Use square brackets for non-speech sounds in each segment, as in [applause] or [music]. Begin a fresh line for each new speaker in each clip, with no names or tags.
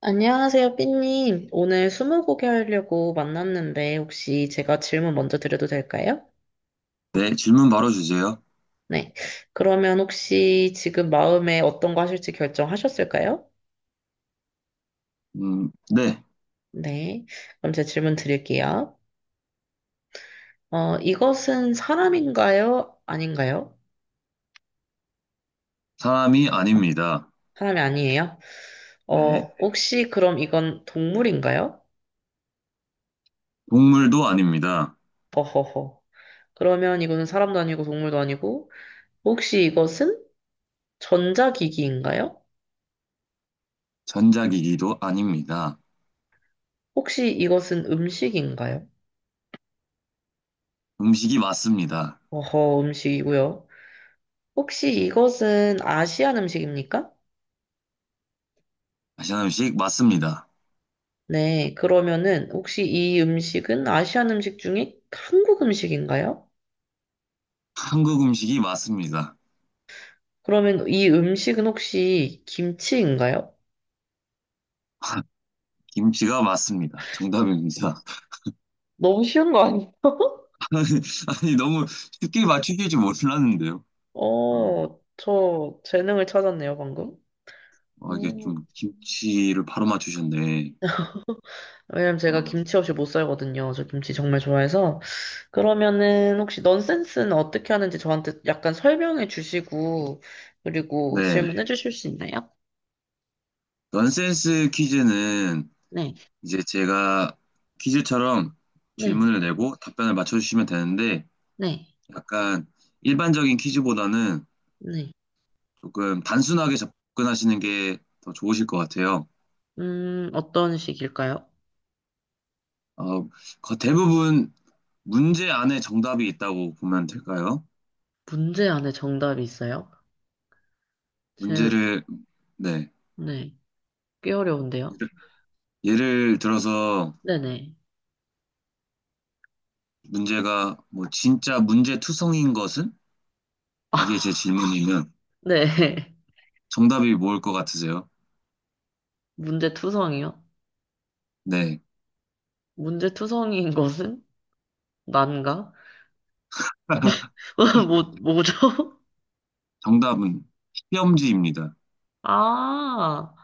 안녕하세요, 삐님. 오늘 스무고개 하려고 만났는데 혹시 제가 질문 먼저 드려도 될까요?
네, 질문 바로 주세요.
네. 그러면 혹시 지금 마음에 어떤 거 하실지 결정하셨을까요?
네,
네. 그럼 제 질문 드릴게요. 이것은 사람인가요? 아닌가요?
사람이 아닙니다.
사람이 아니에요.
네,
혹시 그럼 이건 동물인가요?
동물도 아닙니다.
어허허. 그러면 이거는 사람도 아니고 동물도 아니고 혹시 이것은 전자기기인가요?
전자기기도 아닙니다.
혹시 이것은 음식인가요?
음식이 맞습니다.
어허, 음식이고요. 혹시 이것은 아시안 음식입니까?
아시안 음식 맞습니다.
네, 그러면은 혹시 이 음식은 아시안 음식 중에 한국 음식인가요?
한국 음식이 맞습니다.
그러면 이 음식은 혹시 김치인가요?
김치가 맞습니다. 정답입니다.
너무 쉬운 거 아니에요?
[laughs] 아니, 아니, 너무 쉽게 맞추실 줄 몰랐는데요. 어,
저 재능을 찾았네요, 방금.
이게
오.
좀 김치를 바로 맞추셨네.
왜냐면 제가
어,
김치 없이 못 살거든요. 저 김치 정말 좋아해서. 그러면은 혹시 넌센스는 어떻게 하는지 저한테 약간 설명해 주시고, 그리고
네,
질문해 주실 수 있나요?
넌센스 퀴즈는
네,
이제 제가 퀴즈처럼
네,
질문을 내고 답변을 맞춰주시면 되는데,
네,
약간 일반적인 퀴즈보다는
네.
조금 단순하게 접근하시는 게 더 좋으실 것 같아요.
어떤 식일까요?
어, 대부분 문제 안에 정답이 있다고 보면 될까요?
문제 안에 정답이 있어요? 제,
문제를, 네.
네, 꽤 어려운데요?
예를, 예를 들어서
네네.
문제가 뭐 진짜 문제투성인 것은?
아,
이게 제 질문이면
네. [laughs]
정답이 뭘 것 같으세요?
문제투성이요?
네.
문제투성이인 것은? 난가?
[laughs]
[laughs] 뭐죠? [laughs]
정답은 시험지입니다.
아,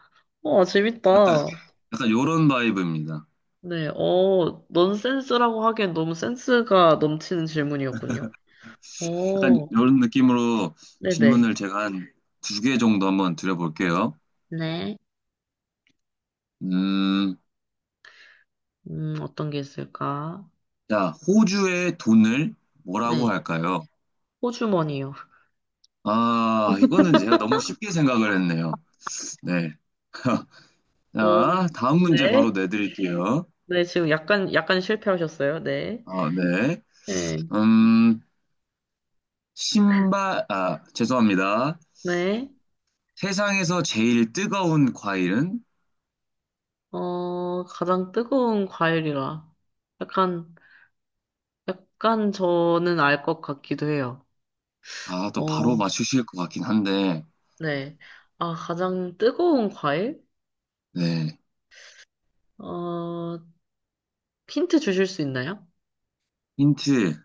우와 재밌다.
약간 요런 바이브입니다.
네, 넌센스라고 하기엔 너무 센스가 넘치는 질문이었군요.
약간
오,
요런 느낌으로
네네.
질문을 제가 한 두 개 정도 한번 드려볼게요.
네.
음,
어떤 게 있을까?
자, 호주의 돈을 뭐라고
네.
할까요?
호주머니요.
아, 이거는 제가 너무 쉽게 생각을 했네요. 네. [laughs]
어,
자, 다음 문제 바로
네.
내드릴게요.
네, 지금 약간 실패하셨어요. 네.
어, 네.
네.
음, 아, 죄송합니다.
네.
세상에서 제일 뜨거운 과일은?
가장 뜨거운 과일이라. 약간, 약간 저는 알 것 같기도 해요.
아, 또 바로
어,
맞추실 것 같긴 한데,
네. 아, 가장 뜨거운 과일?
네.
어, 힌트 주실 수 있나요?
힌트.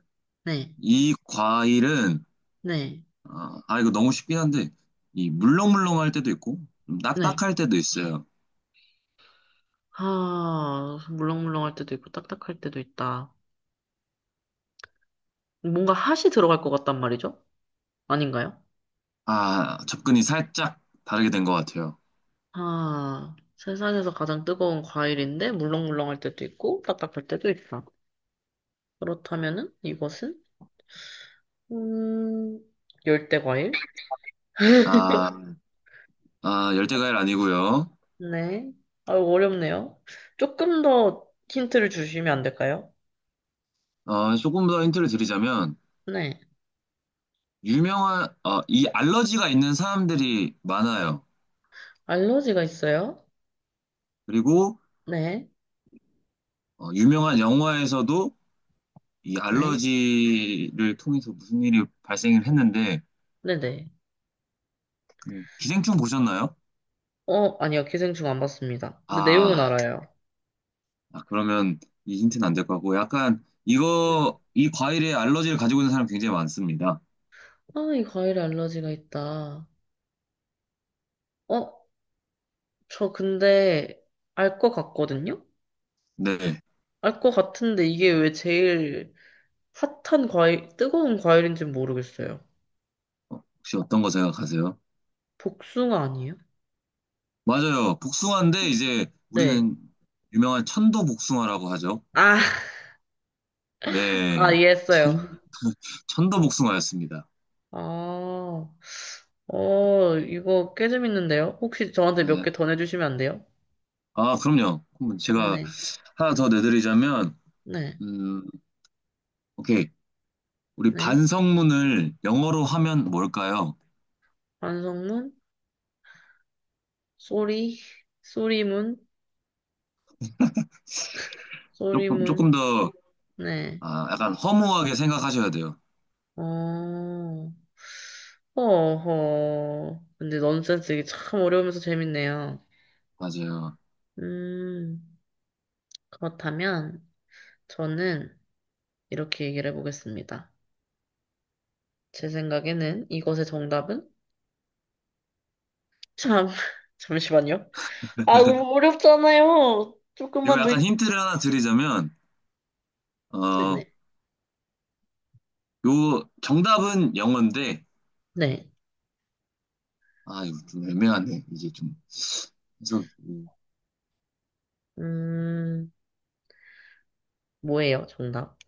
네.
이 과일은
네.
이거 너무 쉽긴 한데 이 물렁물렁할 때도 있고 좀
네.
딱딱할 때도 있어요.
아, 물렁물렁할 때도 있고 딱딱할 때도 있다. 뭔가 핫이 들어갈 것 같단 말이죠? 아닌가요?
아 접근이 살짝 다르게 된 것 같아요.
아, 세상에서 가장 뜨거운 과일인데 물렁물렁할 때도 있고 딱딱할 때도 있어. 그렇다면은 이것은 음, 열대 과일?
아, 아 열대과일 아니고요.
네. 아, 어렵네요. 조금 더 힌트를 주시면 안 될까요?
어, 조금 더 힌트를 드리자면
네.
유명한 이 알러지가 있는 사람들이 많아요.
알러지가 있어요?
그리고
네.
어, 유명한 영화에서도 이
네.
알러지를 통해서 무슨 일이 발생을 했는데
네네.
그 기생충 보셨나요?
아니요. 기생충 안 봤습니다. 근데 내용은
아
알아요.
아, 그러면 이 힌트는 안 될 것 같고, 약간
네.
이거, 이 과일에 알러지를 가지고 있는 사람 굉장히 많습니다.
아, 이 과일에 알러지가 있다. 어, 저 근데 알 것 같거든요?
네.
알 것 같은데 이게 왜 제일 핫한 과일, 뜨거운 과일인지는 모르겠어요.
어, 혹시 어떤 거 생각하세요?
복숭아 아니에요?
맞아요. 복숭아인데, 이제
네.
우리는 유명한 천도 복숭아라고 하죠.
아, 아,
네.
이해했어요.
천, 천도 복숭아였습니다.
아, 이거 꽤 재밌는데요? 혹시 저한테 몇
네.
개 더 내주시면 안 돼요?
아, 그럼요. 그럼 제가
네,
하나 더 내드리자면,
네,
음, 오케이. 우리
네.
반성문을 영어로 하면 뭘까요?
반성문, 쏘리, 쏘리문,
조금
쏘리문,
더,
네.
아, 약간 허무하게 생각하셔야 돼요.
어, 어허. 근데 넌센스 이게 참 어려우면서 재밌네요.
맞아요.
음. 그렇다면 저는 이렇게 얘기를 해보겠습니다. 제 생각에는 이것의 정답은 참 [laughs] 잠시만요. 아 너무 어렵잖아요.
이거
조금만 더
약간
있-
힌트를 하나 드리자면, 어,
네네
요, 정답은 영어인데,
네. 네.
아, 이거 좀 애매하네. 이제 좀, 그래서,
음 뭐예요 정답?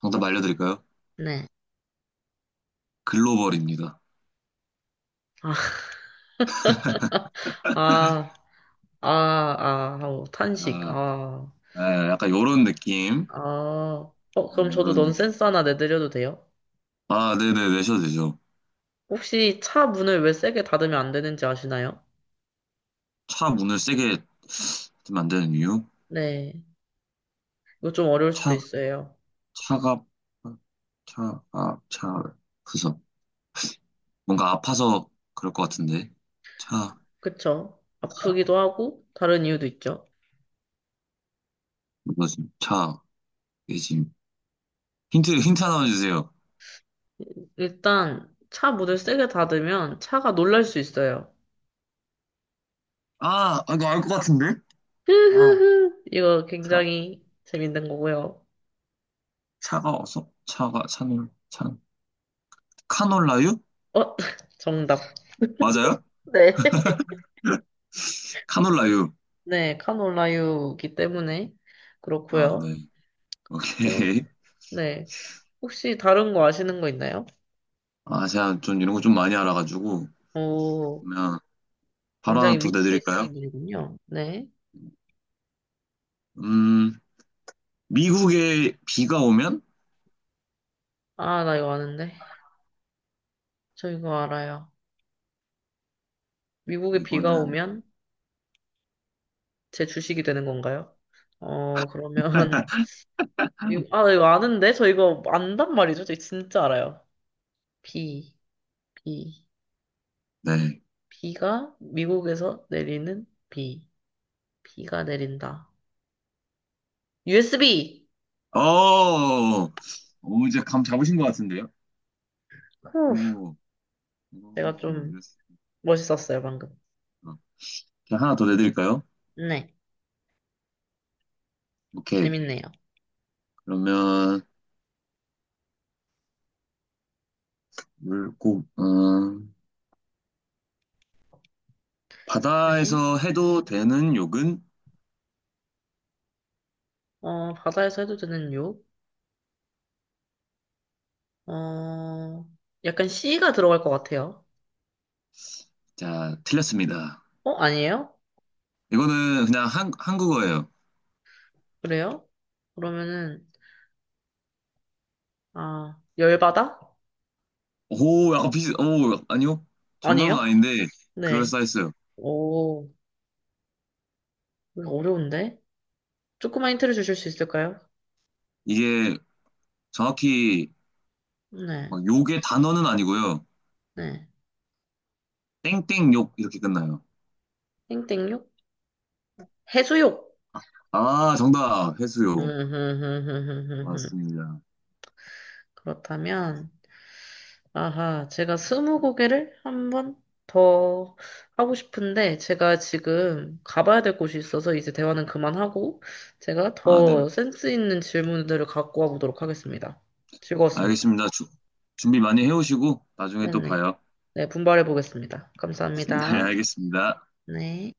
정답 알려드릴까요?
네.
글로벌입니다.
아, 아, 아, 아, 아우, 탄식.
아,
아,
아, 약간 요런 느낌.
아. 그럼
네,
저도
요런 느낌.
넌센스 하나 내드려도 돼요?
아, 네네, 내셔도 되죠.
혹시 차 문을 왜 세게 닫으면 안 되는지 아시나요?
차 문을 세게 닫으면 안 되는 이유?
네. 이거 좀 어려울 수도
차,
있어요.
차가, 차가, 차, 그래서, 뭔가 아파서 그럴 것 같은데. 차,
그쵸. 아프기도 하고, 다른 이유도 있죠.
뭐지? 차, 예짐. 힌트 하나만 주세요.
일단, 차 문을 세게 닫으면 차가 놀랄 수 있어요.
아, 이거 알 것 같은데? 아,
흐흐흐. 이거
차,
굉장히 재밌는 거고요.
차가 어서? 카놀라유?
어, [laughs] 정답.
맞아요?
네. [laughs]
카놀라유.
네, 카놀라유기 때문에
아,
그렇고요.
네.
그럼,
오케이.
네. 혹시 다른 거 아시는 거 있나요?
아, 제가 좀 이런 거 좀 많이 알아가지고,
오,
그러면 바로 하나
굉장히
더
위트
내드릴까요?
있으신 분이군요. 네.
음, 미국에 비가 오면?
아, 나 이거 아는데. 저 이거 알아요. 미국에 비가
이거는,
오면 제 주식이 되는 건가요? 그러면, [laughs] 아, 이거 아는데? 저 이거 안단 말이죠? 저 진짜 알아요. 비, 비,
네.
비가 미국에서 내리는 비, 비가 내린다. USB!
어, 오, 이제 감 잡으신 것 같은데요?
후,
오,
내가
오,
좀
예스.
멋있었어요, 방금.
어, 그냥 하나 더 내드릴까요?
네,
오케이.
재밌네요.
그러면, 물고, 음,
네.
바다에서 해도 되는 욕은?
바다에서 해도 되는 욕? 어, 약간 C가 들어갈 것 같아요.
자, 틀렸습니다.
어, 아니에요?
이거는 그냥 한국어예요.
그래요? 그러면은, 아, 열바다?
오, 아니요.
아니에요?
정답은 아닌데,
네.
그럴싸했어요.
오, 어려운데? 조금만 힌트를 주실 수 있을까요?
이게 정확히
네,
막 욕의 단어는 아니고요.
네.
땡땡욕 이렇게 끝나요.
땡땡육? 해수욕!
아, 정답.
음,
해수욕.
흠, 흠, 흠, 흠, 흠,
맞습니다.
그렇다면, 아하, 제가 스무 고개를 한번 더 하고 싶은데, 제가 지금 가봐야 될 곳이 있어서 이제 대화는 그만하고, 제가
아, 네.
더 센스 있는 질문들을 갖고 와보도록 하겠습니다. 즐거웠습니다.
알겠습니다. 준비 많이 해오시고, 나중에 또
네네.
봐요.
네, 분발해 보겠습니다.
[laughs] 네,
감사합니다.
알겠습니다.
네.